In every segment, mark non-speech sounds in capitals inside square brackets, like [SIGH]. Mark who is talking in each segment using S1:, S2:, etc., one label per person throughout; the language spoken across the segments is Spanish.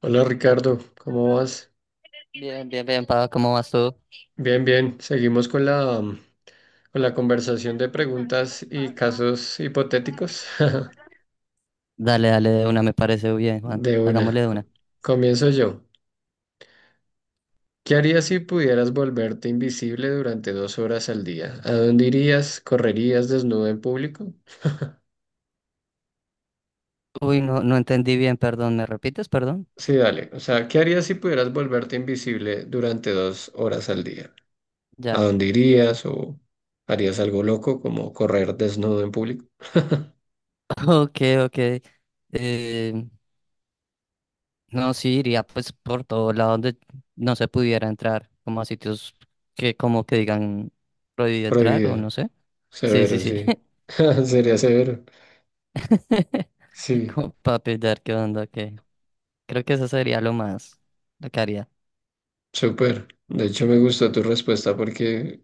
S1: Hola Ricardo, ¿cómo vas?
S2: Bien, bien, bien, Pablo, ¿cómo vas tú?
S1: Bien, bien. Seguimos con la conversación de preguntas y casos hipotéticos. [LAUGHS]
S2: Dale, dale de una, me parece bien, Juan.
S1: De
S2: Hagámosle
S1: una.
S2: de una.
S1: Comienzo yo. ¿Qué harías si pudieras volverte invisible durante 2 horas al día? ¿A dónde irías? ¿Correrías desnudo en público?
S2: Uy, no, no entendí bien, perdón. ¿Me repites, perdón?
S1: Sí, dale. O sea, ¿qué harías si pudieras volverte invisible durante dos horas al día? ¿A
S2: Ya.
S1: dónde irías o harías algo loco como correr desnudo en público?
S2: [LAUGHS] Ok, ok. Eh, no, sí, iría pues por todo lado donde no se pudiera entrar, como a sitios que como que digan prohibido entrar o
S1: Prohibido.
S2: no sé. Sí, sí,
S1: Severo,
S2: sí.
S1: sí. [LAUGHS] Sería severo.
S2: [LAUGHS]
S1: Sí,
S2: Como para pillar qué onda, ok. Creo que eso sería lo más, lo que haría.
S1: súper. De hecho, me gustó tu respuesta porque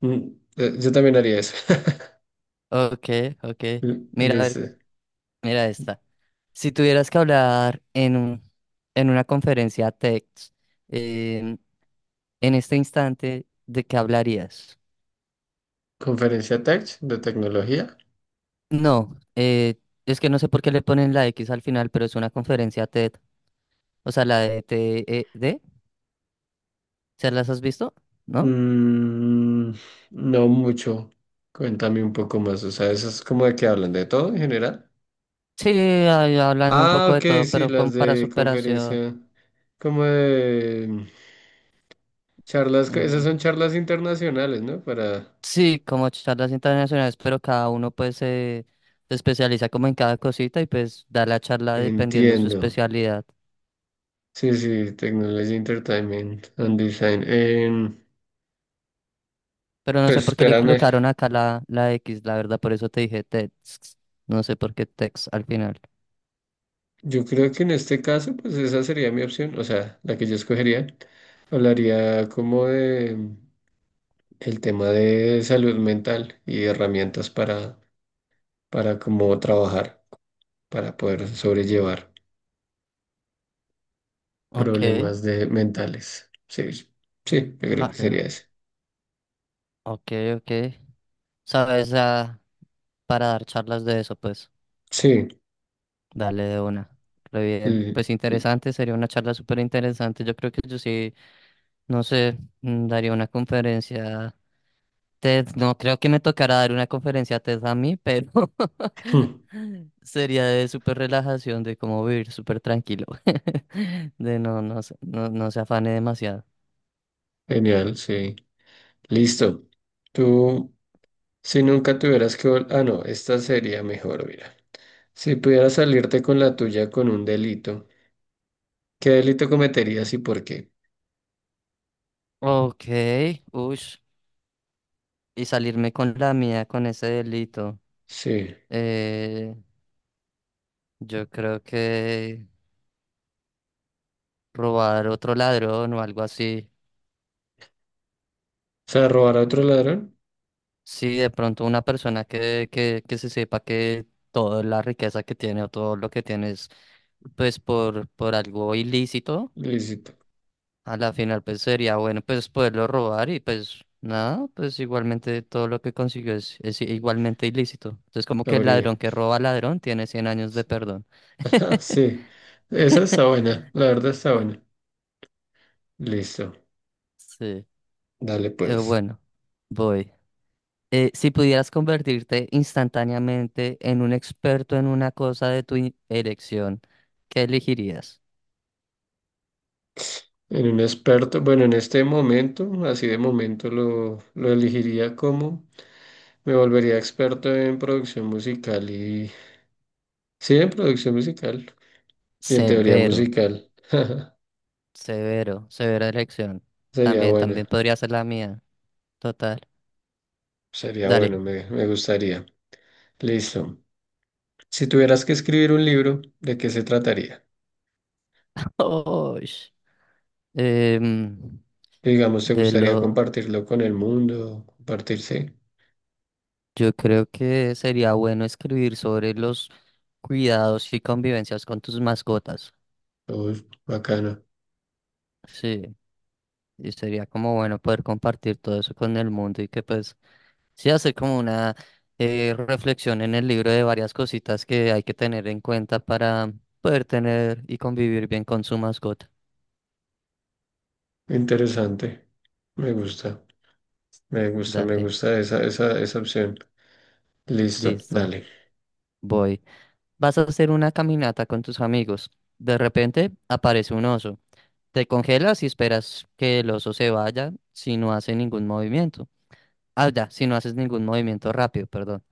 S1: mm, yo también haría eso. [LAUGHS]
S2: Ok, ok.
S1: L-
S2: Mira, a ver.
S1: Listo.
S2: Mira esta. Si tuvieras que hablar en una conferencia TED, em, en este instante, ¿de qué hablarías?
S1: Conferencia tech de tecnología.
S2: No, es que no sé por qué le ponen la X al final, pero es una conferencia TED. O sea, la de TED. ¿Se las has visto? ¿No?
S1: Mm, no mucho. Cuéntame un poco más. O sea, eso es como de que hablan de todo en general.
S2: Sí, ahí hablan un
S1: Ah,
S2: poco de
S1: ok,
S2: todo,
S1: sí,
S2: pero
S1: las
S2: con para
S1: de
S2: superación.
S1: conferencia, como de charlas, esas
S2: mm,
S1: son charlas internacionales, ¿no? Para...
S2: sí, como charlas internacionales, pero cada uno pues se especializa como en cada cosita y pues da la charla dependiendo de su
S1: Entiendo.
S2: especialidad.
S1: Sí, sí, Technology Entertainment and Design.
S2: Pero no sé
S1: Pues
S2: por qué le
S1: espérame,
S2: colocaron acá la X, la verdad, por eso te dije Tex. No sé por qué Tex al final.
S1: yo creo que en este caso, pues esa sería mi opción, o sea, la que yo escogería. Hablaría como de el tema de salud mental y herramientas para cómo trabajar, para poder sobrellevar
S2: Ok.
S1: problemas de mentales. Sí, sí, yo creo que
S2: Ah,
S1: sería
S2: ya.
S1: ese.
S2: Ok, ok. Sabes, para dar charlas de eso, pues,
S1: Sí,
S2: dale de una. Re bien.
S1: l-
S2: Pues
S1: l-
S2: interesante, sería una charla súper interesante. Yo creo que yo sí, no sé, daría una conferencia TED, no creo que me tocará dar una conferencia a TED a mí, pero [LAUGHS]
S1: [CLEARS THROAT]
S2: sería de súper relajación, de cómo vivir súper tranquilo, [LAUGHS] de no, no, no, no se afane demasiado.
S1: genial, sí. Listo. Tú. Si nunca tuvieras que vol- Ah, no, esta sería mejor, mira. Si pudieras salirte con la tuya con un delito, ¿qué delito cometerías y por qué?
S2: Ok, ush, y salirme con la mía con ese delito.
S1: Sí.
S2: Eh, yo creo que robar otro ladrón o algo así.
S1: O sea, robar a otro ladrón,
S2: Sí, de pronto una persona que se sepa que toda la riqueza que tiene o todo lo que tiene es pues por algo ilícito,
S1: lícito.
S2: a la final pues sería bueno pues poderlo robar y pues nada, pues igualmente todo lo que consiguió es igualmente ilícito. Entonces como que el
S1: Abrí.
S2: ladrón que roba al ladrón tiene 100 años de perdón.
S1: [LAUGHS] Sí. Esa está buena, la verdad está buena. Listo.
S2: Sí.
S1: Dale pues.
S2: Bueno, voy. Si pudieras convertirte instantáneamente en un experto en una cosa de tu elección, ¿qué elegirías?
S1: En un experto, bueno, en este momento, así de momento lo elegiría como me volvería experto en producción musical y... Sí, en producción musical y en teoría
S2: Severo,
S1: musical. [LAUGHS]
S2: severo, severa elección.
S1: Sería
S2: También,
S1: bueno,
S2: también podría ser la mía. Total.
S1: sería
S2: Dale.
S1: bueno, me gustaría. Listo. Si tuvieras que escribir un libro, ¿de qué se trataría?
S2: [LAUGHS] Oy. Em,
S1: Digamos, ¿te
S2: de lo,
S1: gustaría compartirlo con el mundo? ¿Compartirse?
S2: yo creo que sería bueno escribir sobre los cuidados y convivencias con tus mascotas.
S1: Uy, bacana,
S2: Sí, y sería como bueno poder compartir todo eso con el mundo y que pues sí hacer como una reflexión en el libro de varias cositas que hay que tener en cuenta para poder tener y convivir bien con su mascota.
S1: interesante. Me gusta, me gusta, me
S2: Dale.
S1: gusta esa opción. Listo,
S2: Listo,
S1: dale.
S2: voy. Vas a hacer una caminata con tus amigos. De repente aparece un oso. Te congelas y esperas que el oso se vaya si no hace ningún movimiento. Ah, ya, si no haces ningún movimiento rápido, perdón.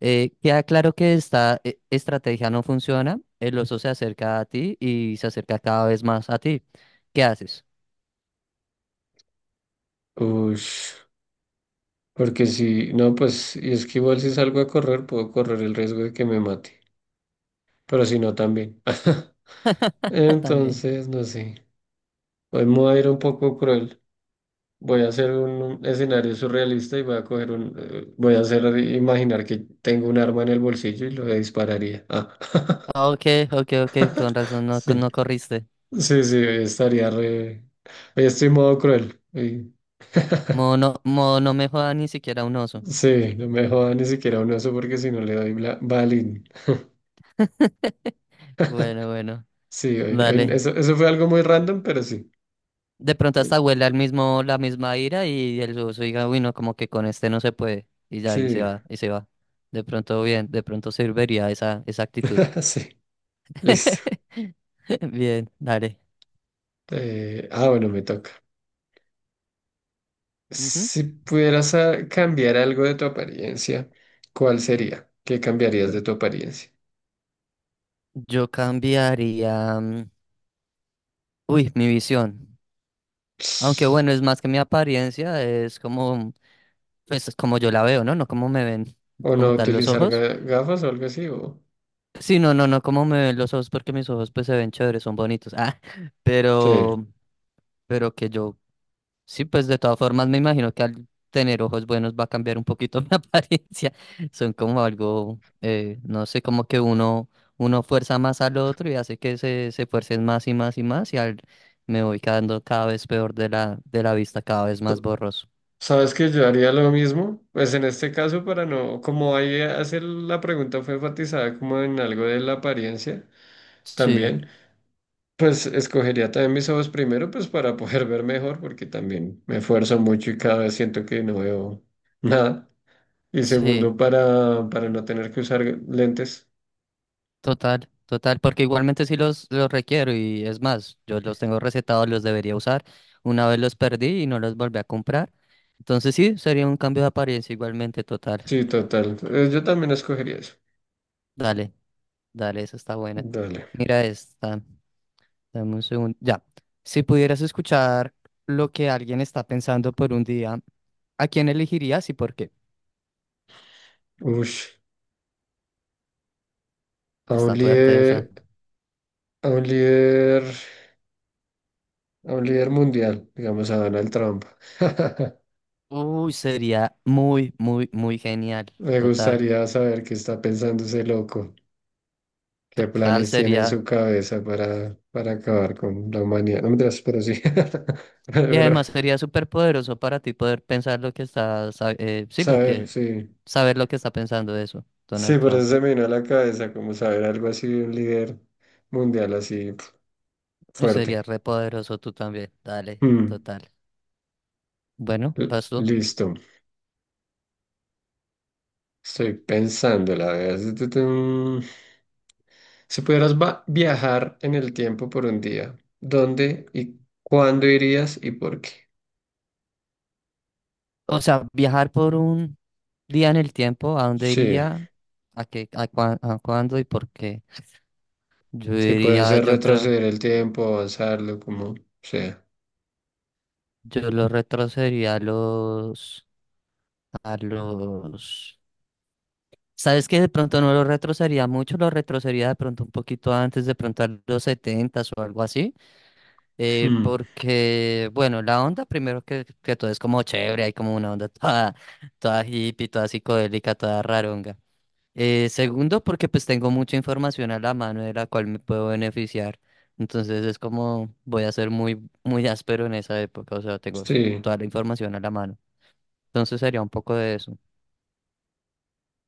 S2: Queda claro que esta estrategia no funciona. El oso se acerca a ti y se acerca cada vez más a ti. ¿Qué haces?
S1: Uy, porque si no, pues, y es que igual si salgo a correr, puedo correr el riesgo de que me mate. Pero si no, también.
S2: [LAUGHS]
S1: [LAUGHS]
S2: También.
S1: Entonces, no sé. Hoy me voy a ir un poco cruel. Voy a hacer un escenario surrealista y voy a coger voy a hacer imaginar que tengo un arma en el bolsillo y lo dispararía. Ah.
S2: Ok, ok, ok, con razón
S1: [LAUGHS]
S2: no,
S1: Sí,
S2: no corriste.
S1: sí, sí, hoy estoy modo cruel. [LAUGHS]
S2: Modo no me joda ni siquiera un oso.
S1: Sí, no me joda ni siquiera un oso porque si no le doy bla- balín.
S2: Bueno, bueno.
S1: Sí, hoy- hoy-
S2: Dale.
S1: eso, eso fue algo muy random, pero sí.
S2: De pronto hasta huele al mismo, la misma ira y el oso diga, uy, no, como que con este no se puede. Y ya, y se
S1: Sí,
S2: va, y se va. De pronto, bien, de pronto serviría esa, esa actitud.
S1: [LAUGHS] sí, listo.
S2: [LAUGHS] Bien, dale.
S1: Ah, bueno, me toca.
S2: Ujú.
S1: Si pudieras cambiar algo de tu apariencia, ¿cuál sería? ¿Qué cambiarías de tu apariencia?
S2: Yo cambiaría, uy, mi visión. Aunque bueno, es más que mi apariencia, es como, pues es como yo la veo, ¿no? No como me ven
S1: ¿O no
S2: como tal los
S1: utilizar
S2: ojos.
S1: gafas o algo así? O...
S2: Sí, no, no, no como me ven los ojos porque mis ojos pues se ven chéveres, son bonitos. Ah, [LAUGHS]
S1: Sí.
S2: pero, pero que yo. Sí, pues de todas formas me imagino que al tener ojos buenos va a cambiar un poquito [LAUGHS] mi apariencia. Son como algo, no sé, como que uno, uno fuerza más al otro y hace que se fuercen más y más y más me voy quedando cada vez peor de de la vista, cada vez más
S1: Tú-
S2: borroso.
S1: ¿Sabes que yo haría lo mismo? Pues en este caso, para no, como ahí hace la pregunta fue enfatizada como en algo de la apariencia
S2: Sí,
S1: también, pues escogería también mis ojos primero, pues para poder [LAUGHS] ver mejor, porque también me esfuerzo mucho y cada vez siento que no veo nada. Y
S2: sí,
S1: segundo, para no tener que usar lentes.
S2: total, total, porque igualmente sí los requiero y es más, yo los tengo recetados, los debería usar. Una vez los perdí y no los volví a comprar. Entonces sí, sería un cambio de apariencia igualmente total.
S1: Sí, total. Yo también escogería eso.
S2: Dale. Dale, esa está buena.
S1: Dale.
S2: Mira esta. Dame un segundo. Ya. Si pudieras escuchar lo que alguien está pensando por un día, ¿a quién elegirías y por qué?
S1: Ush. A un
S2: Está fuerte esa.
S1: líder, a un líder, a un líder mundial, digamos a Donald Trump. [LAUGHS]
S2: Uy, sería muy, muy, muy genial.
S1: Me
S2: Total.
S1: gustaría saber qué está pensando ese loco, qué
S2: Total
S1: planes tiene en
S2: sería.
S1: su cabeza para acabar con la humanidad. No me Pero sí. [LAUGHS] Pero,
S2: Y
S1: pero,
S2: además sería súper poderoso para ti poder pensar lo que sí, lo
S1: saber,
S2: que,
S1: sí.
S2: saber lo que está pensando eso,
S1: Sí,
S2: Donald
S1: por eso
S2: Trump.
S1: se me vino a la cabeza, como saber algo así de un líder mundial así pf,
S2: Y sería
S1: fuerte.
S2: re poderoso tú también. Dale,
S1: Mm,
S2: total. Bueno, vas tú.
S1: listo. Estoy pensando, la verdad. Tutum. Si pudieras viajar en el tiempo por un día, ¿dónde y cuándo irías y por qué?
S2: O sea, viajar por un día en el tiempo, ¿a dónde
S1: Sí,
S2: iría? ¿A cuándo y por qué? Yo
S1: sí puede
S2: iría,
S1: ser
S2: yo creo,
S1: retroceder el tiempo, avanzarlo, como sea.
S2: yo lo retrocedería a los, ¿sabes qué? De pronto no lo retrocedería mucho, lo retrocedería de pronto un poquito antes, de pronto a los setentas o algo así,
S1: Mm,
S2: porque, bueno, la onda primero que todo es como chévere, hay como una onda toda, toda hippie, toda psicodélica, toda raronga. Segundo, porque pues tengo mucha información a la mano de la cual me puedo beneficiar. Entonces es como voy a ser muy, muy áspero en esa época, o sea,
S1: sí,
S2: toda la información a la mano. Entonces sería un poco de eso.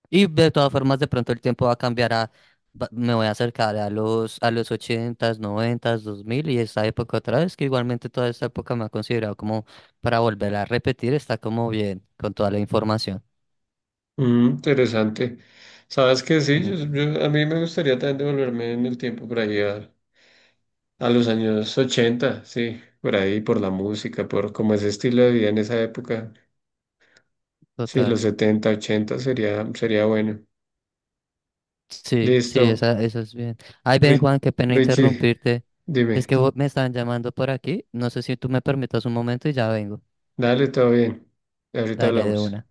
S2: Y de todas formas, de pronto el tiempo va a cambiar a, me voy a acercar a los ochentas noventas 2000 y esa época otra vez, que igualmente toda esta época me ha considerado como para volver a repetir, está como bien con toda la información.
S1: interesante. ¿Sabes qué? Sí,
S2: Mm,
S1: a mí me gustaría también devolverme en el tiempo por ahí a los años 80 sí, por ahí, por la música, por como ese estilo de vida en esa época. Sí,
S2: Total.
S1: los 70, 80 sería, sería bueno.
S2: Sí, sí,
S1: Listo.
S2: esa, eso es bien. Ay, ven,
S1: Ri-
S2: Juan, qué pena
S1: Richie,
S2: interrumpirte. Es
S1: dime.
S2: que vos me están llamando por aquí. No sé si tú me permitas un momento y ya vengo.
S1: Dale, todo bien. Ahorita
S2: Dale de
S1: hablamos.
S2: una.